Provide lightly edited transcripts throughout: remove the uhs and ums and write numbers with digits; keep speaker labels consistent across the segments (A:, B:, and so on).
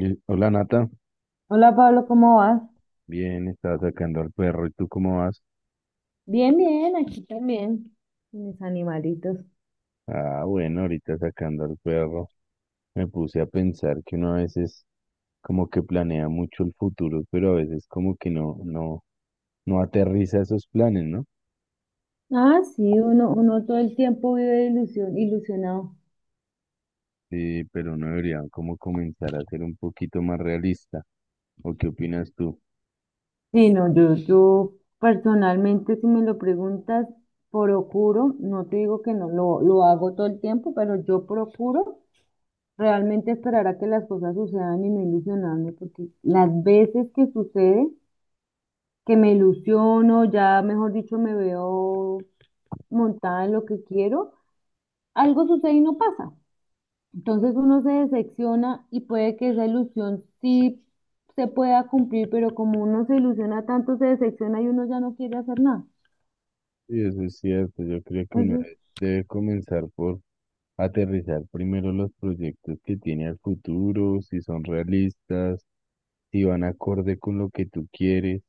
A: Hola Nata,
B: Hola Pablo, ¿cómo vas?
A: bien, estaba sacando al perro, ¿y tú cómo vas?
B: Bien, bien, aquí también, con mis animalitos.
A: Ah, bueno, ahorita sacando al perro. Me puse a pensar que uno a veces como que planea mucho el futuro, pero a veces como que no aterriza esos planes, ¿no?
B: Ah, sí, uno todo el tiempo vive ilusión, ilusionado.
A: Sí, pero uno debería como comenzar a ser un poquito más realista. ¿O qué opinas tú?
B: Sí, no, yo personalmente, si me lo preguntas, procuro, no te digo que no lo hago todo el tiempo, pero yo procuro realmente esperar a que las cosas sucedan y no ilusionarme, porque las veces que sucede, que me ilusiono, ya mejor dicho, me veo montada en lo que quiero, algo sucede y no pasa. Entonces uno se decepciona y puede que esa ilusión sí se pueda cumplir, pero como uno se ilusiona tanto, se decepciona y uno ya no quiere hacer nada.
A: Sí, eso es cierto. Yo creo que uno
B: Entonces,
A: debe comenzar por aterrizar primero los proyectos que tiene al futuro, si son realistas, si van acorde con lo que tú quieres.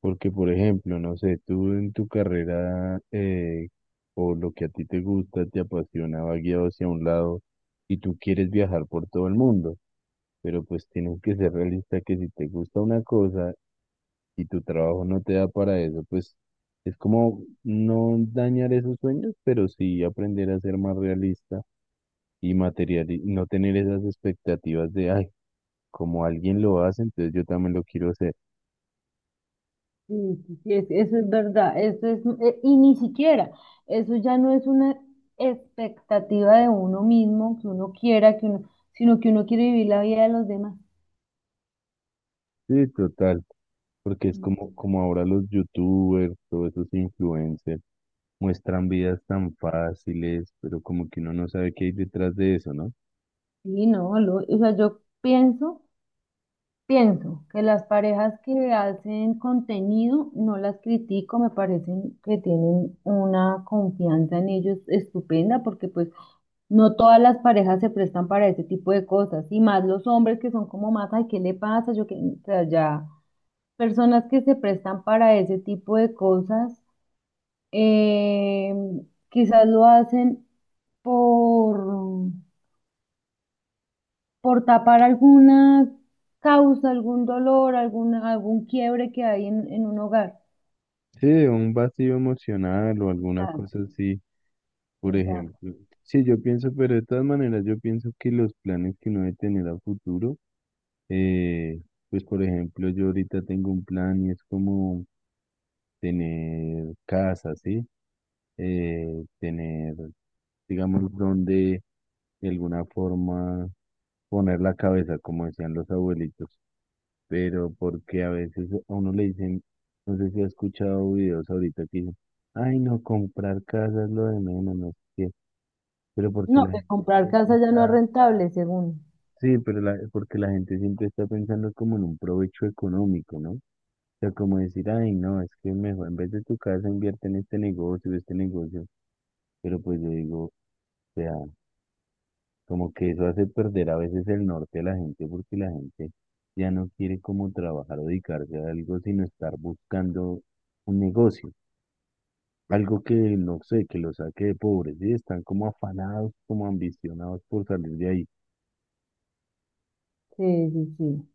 A: Porque, por ejemplo, no sé, tú en tu carrera o lo que a ti te gusta, te apasiona, va guiado hacia un lado y tú quieres viajar por todo el mundo, pero pues tienes que ser realista que si te gusta una cosa si tu trabajo no te da para eso, pues es como no dañar esos sueños, pero sí aprender a ser más realista y material y no tener esas expectativas de, ay, como alguien lo hace, entonces yo también lo quiero hacer.
B: sí, sí, sí, eso es verdad, eso es, y ni siquiera, eso ya no es una expectativa de uno mismo, que uno quiera, que uno, sino que uno quiere vivir la vida de los demás.
A: Sí, total, porque es como, como ahora los youtubers, todos esos influencers, muestran vidas tan fáciles, pero como que uno no sabe qué hay detrás de eso, ¿no?
B: Sí, no, o sea, yo pienso. Pienso que las parejas que hacen contenido no las critico, me parecen que tienen una confianza en ellos estupenda porque pues no todas las parejas se prestan para ese tipo de cosas y más los hombres que son como más, ay, ¿qué le pasa? Yo que, o sea, ya personas que se prestan para ese tipo de cosas, eh, quizás lo hacen por por tapar alguna causa, algún dolor, algún quiebre que hay en un hogar.
A: Sí, un vacío emocional o alguna
B: Exacto,
A: cosa así por ejemplo.
B: exacto.
A: Sí, yo pienso, pero de todas maneras, yo pienso que los planes que uno debe tener a futuro, eh, pues por ejemplo, yo ahorita tengo un plan y es como tener casa, ¿sí? Tener, digamos, donde de alguna forma poner la cabeza, como decían los abuelitos, pero porque a veces a uno le dicen, no sé si ha escuchado videos ahorita que dicen, ay, no, comprar casa es lo de menos, no sé qué, pero porque
B: No,
A: la
B: que
A: gente
B: comprar
A: siempre
B: casa ya no es
A: está.
B: rentable, según.
A: Sí, pero la, porque la gente siempre está pensando como en un provecho económico, ¿no? O sea, como decir, ay, no, es que mejor en vez de tu casa invierte en este negocio, este negocio. Pero pues yo digo, o sea, como que eso hace perder a veces el norte a la gente porque la gente ya no quiere como trabajar o dedicarse a algo, sino estar buscando un negocio, algo que no sé, que lo saque de pobre, ¿sí? Están como afanados, como ambicionados por salir de ahí.
B: Sí, sí, sí.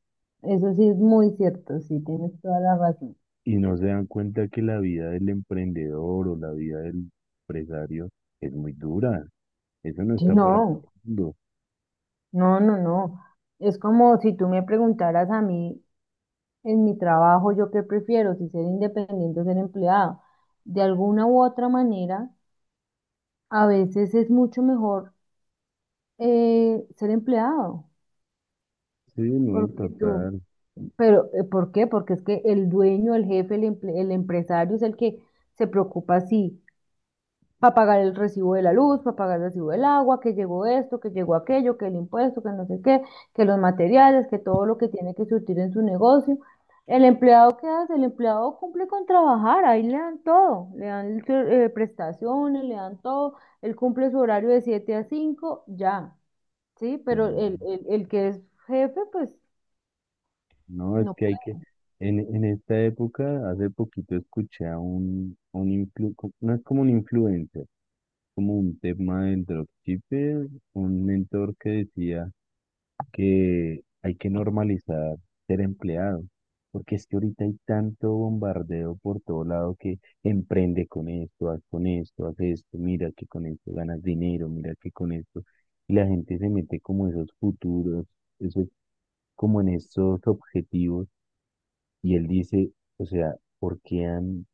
B: Eso sí es muy cierto, sí, tienes toda la razón.
A: Y no se dan cuenta que la vida del emprendedor o la vida del empresario es muy dura. Eso no
B: Sí,
A: está para todo
B: no,
A: el mundo.
B: no, no, no. Es como si tú me preguntaras a mí en mi trabajo, yo qué prefiero, si ser independiente o ser empleado. De alguna u otra manera, a veces es mucho mejor, ser empleado.
A: Sí, no,
B: Porque tú,
A: total.
B: pero ¿por qué? Porque es que el dueño, el jefe, el, el empresario es el que se preocupa sí, para pagar el recibo de la luz, para pagar el recibo del agua, que llegó esto, que llegó aquello, que el impuesto, que no sé qué, que los materiales, que todo lo que tiene que surtir en su negocio. El empleado, ¿qué hace? El empleado cumple con trabajar, ahí le dan todo, le dan prestaciones, le dan todo, él cumple su horario de 7 a 5, ya, ¿sí? Pero el,
A: Sí.
B: el que es jefe, pues...
A: No, es
B: No.
A: que hay que... En esta época, hace poquito escuché a un no es como un influencer, como un tema del dropshipper, un mentor que decía que hay que normalizar ser empleado, porque es que ahorita hay tanto bombardeo por todo lado que emprende con esto, haz esto, mira que con esto ganas dinero, mira que con esto, y la gente se mete como esos futuros, esos, como en esos objetivos, y él dice, o sea, ¿por qué han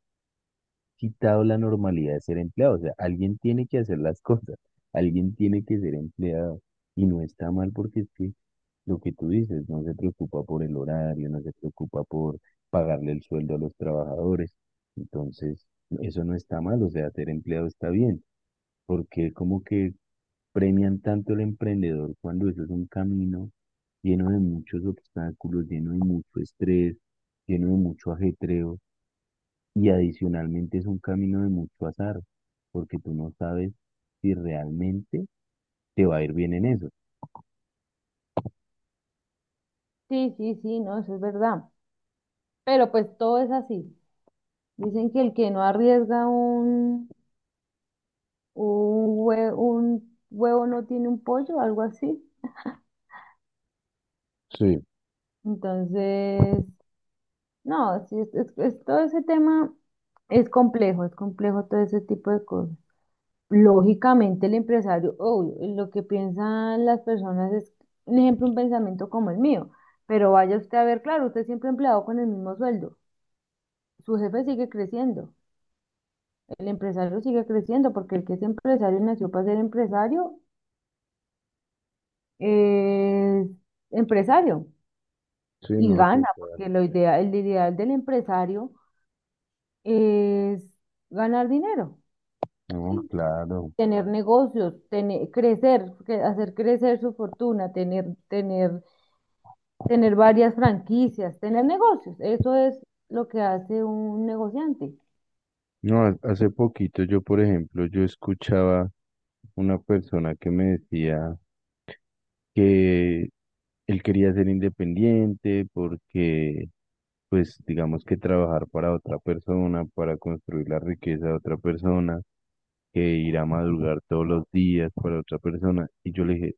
A: quitado la normalidad de ser empleado? O sea, alguien tiene que hacer las cosas, alguien tiene que ser empleado. Y no está mal porque es que lo que tú dices, no se preocupa por el horario, no se preocupa por pagarle el sueldo a los trabajadores. Entonces, eso no está mal, o sea, ser empleado está bien, porque como que premian tanto al emprendedor cuando eso es un camino lleno de muchos obstáculos, lleno de mucho estrés, lleno de mucho ajetreo. Y adicionalmente es un camino de mucho azar, porque tú no sabes si realmente te va a ir bien en eso.
B: Sí, sí, sí, no, eso es verdad. Pero pues todo es así. Dicen que el que no arriesga un, un huevo no tiene un pollo, algo así.
A: Sí,
B: Entonces, no, sí, es, todo ese tema es complejo todo ese tipo de cosas. Lógicamente el empresario, obvio, lo que piensan las personas es, un ejemplo, un pensamiento como el mío. Pero vaya usted a ver, claro, usted siempre empleado con el mismo sueldo. Su jefe sigue creciendo. El empresario sigue creciendo porque el que es empresario nació para ser empresario, es empresario
A: sí,
B: y
A: no,
B: gana,
A: total.
B: porque lo idea, el ideal del empresario es ganar dinero,
A: No, claro.
B: tener negocios, tener, crecer, hacer crecer su fortuna, tener varias franquicias, tener negocios. Eso es lo que hace un negociante.
A: No, hace poquito yo, por ejemplo, yo escuchaba una persona que me decía que él quería ser independiente porque, pues, digamos que trabajar para otra persona, para construir la riqueza de otra persona, que ir a madrugar todos los días para otra persona. Y yo le dije,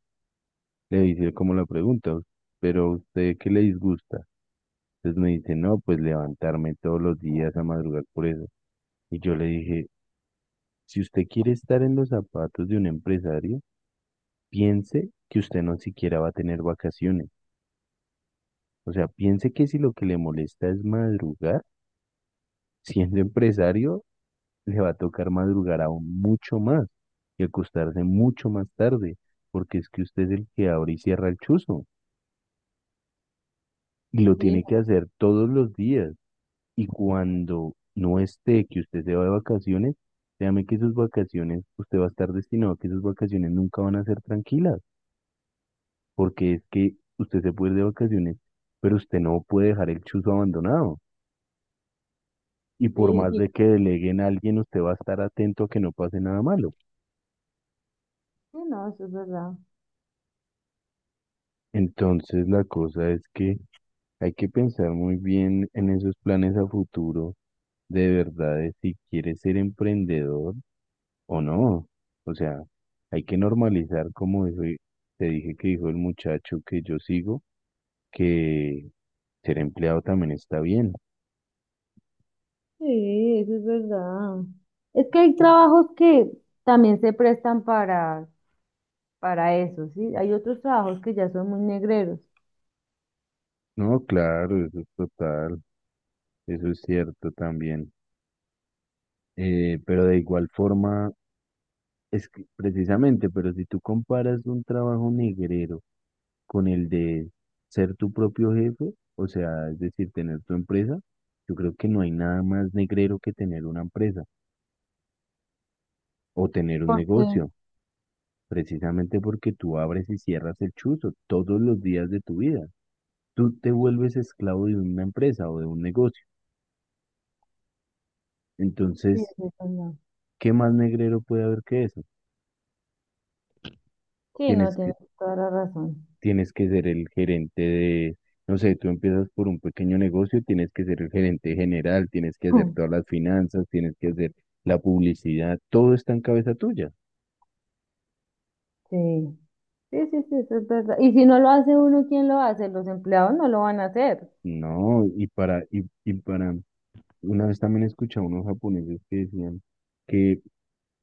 A: le hice como la pregunta, pero ¿a usted qué le disgusta? Entonces me dice, no, pues levantarme todos los días a madrugar por eso. Y yo le dije, si usted quiere estar en los zapatos de un empresario, piense que usted no siquiera va a tener vacaciones. O sea, piense que si lo que le molesta es madrugar, siendo empresario, le va a tocar madrugar aún mucho más y acostarse mucho más tarde, porque es que usted es el que abre y cierra el chuzo y lo
B: Sí,
A: tiene que hacer todos los días. Y cuando no esté, que usted se va de vacaciones, créame que sus vacaciones, usted va a estar destinado a que sus vacaciones nunca van a ser tranquilas, porque es que usted se puede ir de vacaciones, pero usted no puede dejar el chuzo abandonado. Y por
B: sí,
A: más de que deleguen a alguien, usted va a estar atento a que no pase nada malo.
B: sí, no, eso es verdad.
A: Entonces, la cosa es que hay que pensar muy bien en esos planes a futuro, de verdad, de si quieres ser emprendedor o no. O sea, hay que normalizar, te dije que dijo el muchacho que yo sigo, que ser empleado también está bien.
B: Sí, eso es verdad. Es que hay trabajos que también se prestan para eso, ¿sí? Hay otros trabajos que ya son muy negreros.
A: No, claro, eso es total, eso es cierto también. Pero de igual forma... Es que precisamente, pero si tú comparas un trabajo negrero con el de ser tu propio jefe, o sea, es decir, tener tu empresa, yo creo que no hay nada más negrero que tener una empresa o tener un
B: Porque,
A: negocio, precisamente porque tú abres y cierras el chuzo todos los días de tu vida. Tú te vuelves esclavo de una empresa o de un negocio.
B: sí,
A: Entonces,
B: eso es verdad.
A: ¿qué más negrero puede haber que eso?
B: Sí, no,
A: Tienes
B: tienes toda la razón.
A: tienes que ser el gerente de, no sé, tú empiezas por un pequeño negocio, tienes que ser el gerente general, tienes que hacer todas las finanzas, tienes que hacer la publicidad, todo está en cabeza tuya.
B: Sí, sí, sí, sí, eso es verdad. Y si no lo hace uno, ¿quién lo hace? Los empleados no lo van a hacer.
A: No, y para, y, y para, una vez también escuché a unos japoneses que decían que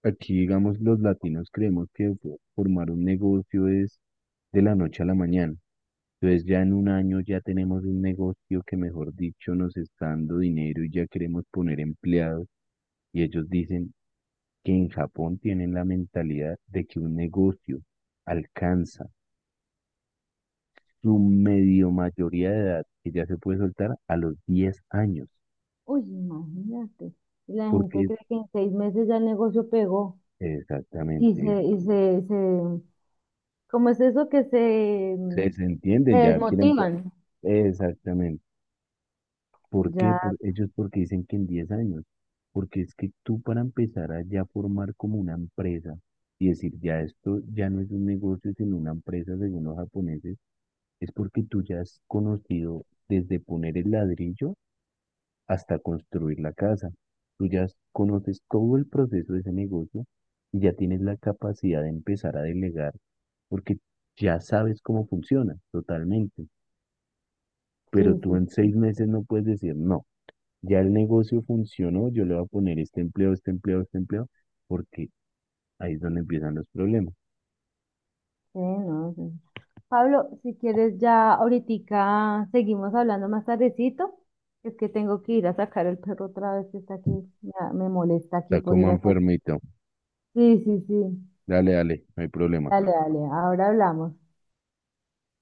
A: aquí, digamos, los latinos creemos que formar un negocio es de la noche a la mañana. Entonces ya en un año ya tenemos un negocio que, mejor dicho, nos está dando dinero y ya queremos poner empleados. Y ellos dicen, que en Japón tienen la mentalidad de que un negocio alcanza su medio mayoría de edad, que ya se puede soltar a los 10 años,
B: Uy, imagínate. Y la gente
A: porque
B: cree que en 6 meses ya el negocio pegó. Y
A: exactamente,
B: se, y se, se, ¿Cómo es eso que se,
A: se
B: se
A: entienden, ya quieren,
B: desmotivan?
A: exactamente. ¿Por qué?
B: Ya.
A: Por, ellos porque dicen que en 10 años, porque es que tú para empezar a ya formar como una empresa y decir, ya esto ya no es un negocio, sino una empresa según los japoneses, es porque tú ya has conocido desde poner el ladrillo hasta construir la casa. Tú ya conoces todo el proceso de ese negocio y ya tienes la capacidad de empezar a delegar porque ya sabes cómo funciona totalmente.
B: Sí,
A: Pero tú
B: sí,
A: en
B: sí,
A: 6 meses no puedes decir, no, ya el negocio funcionó, yo le voy a poner este empleo, este empleo, este empleo, porque ahí es donde empiezan los problemas.
B: sí, no, sí. Pablo, si quieres ya ahorita seguimos hablando más tardecito. Es que tengo que ir a sacar el perro otra vez que está aquí. Ya me molesta aquí
A: Está
B: por
A: como
B: ir a sacar.
A: enfermito.
B: Sí, sí, sí.
A: Dale, dale, no hay problema.
B: Dale, dale, ahora hablamos.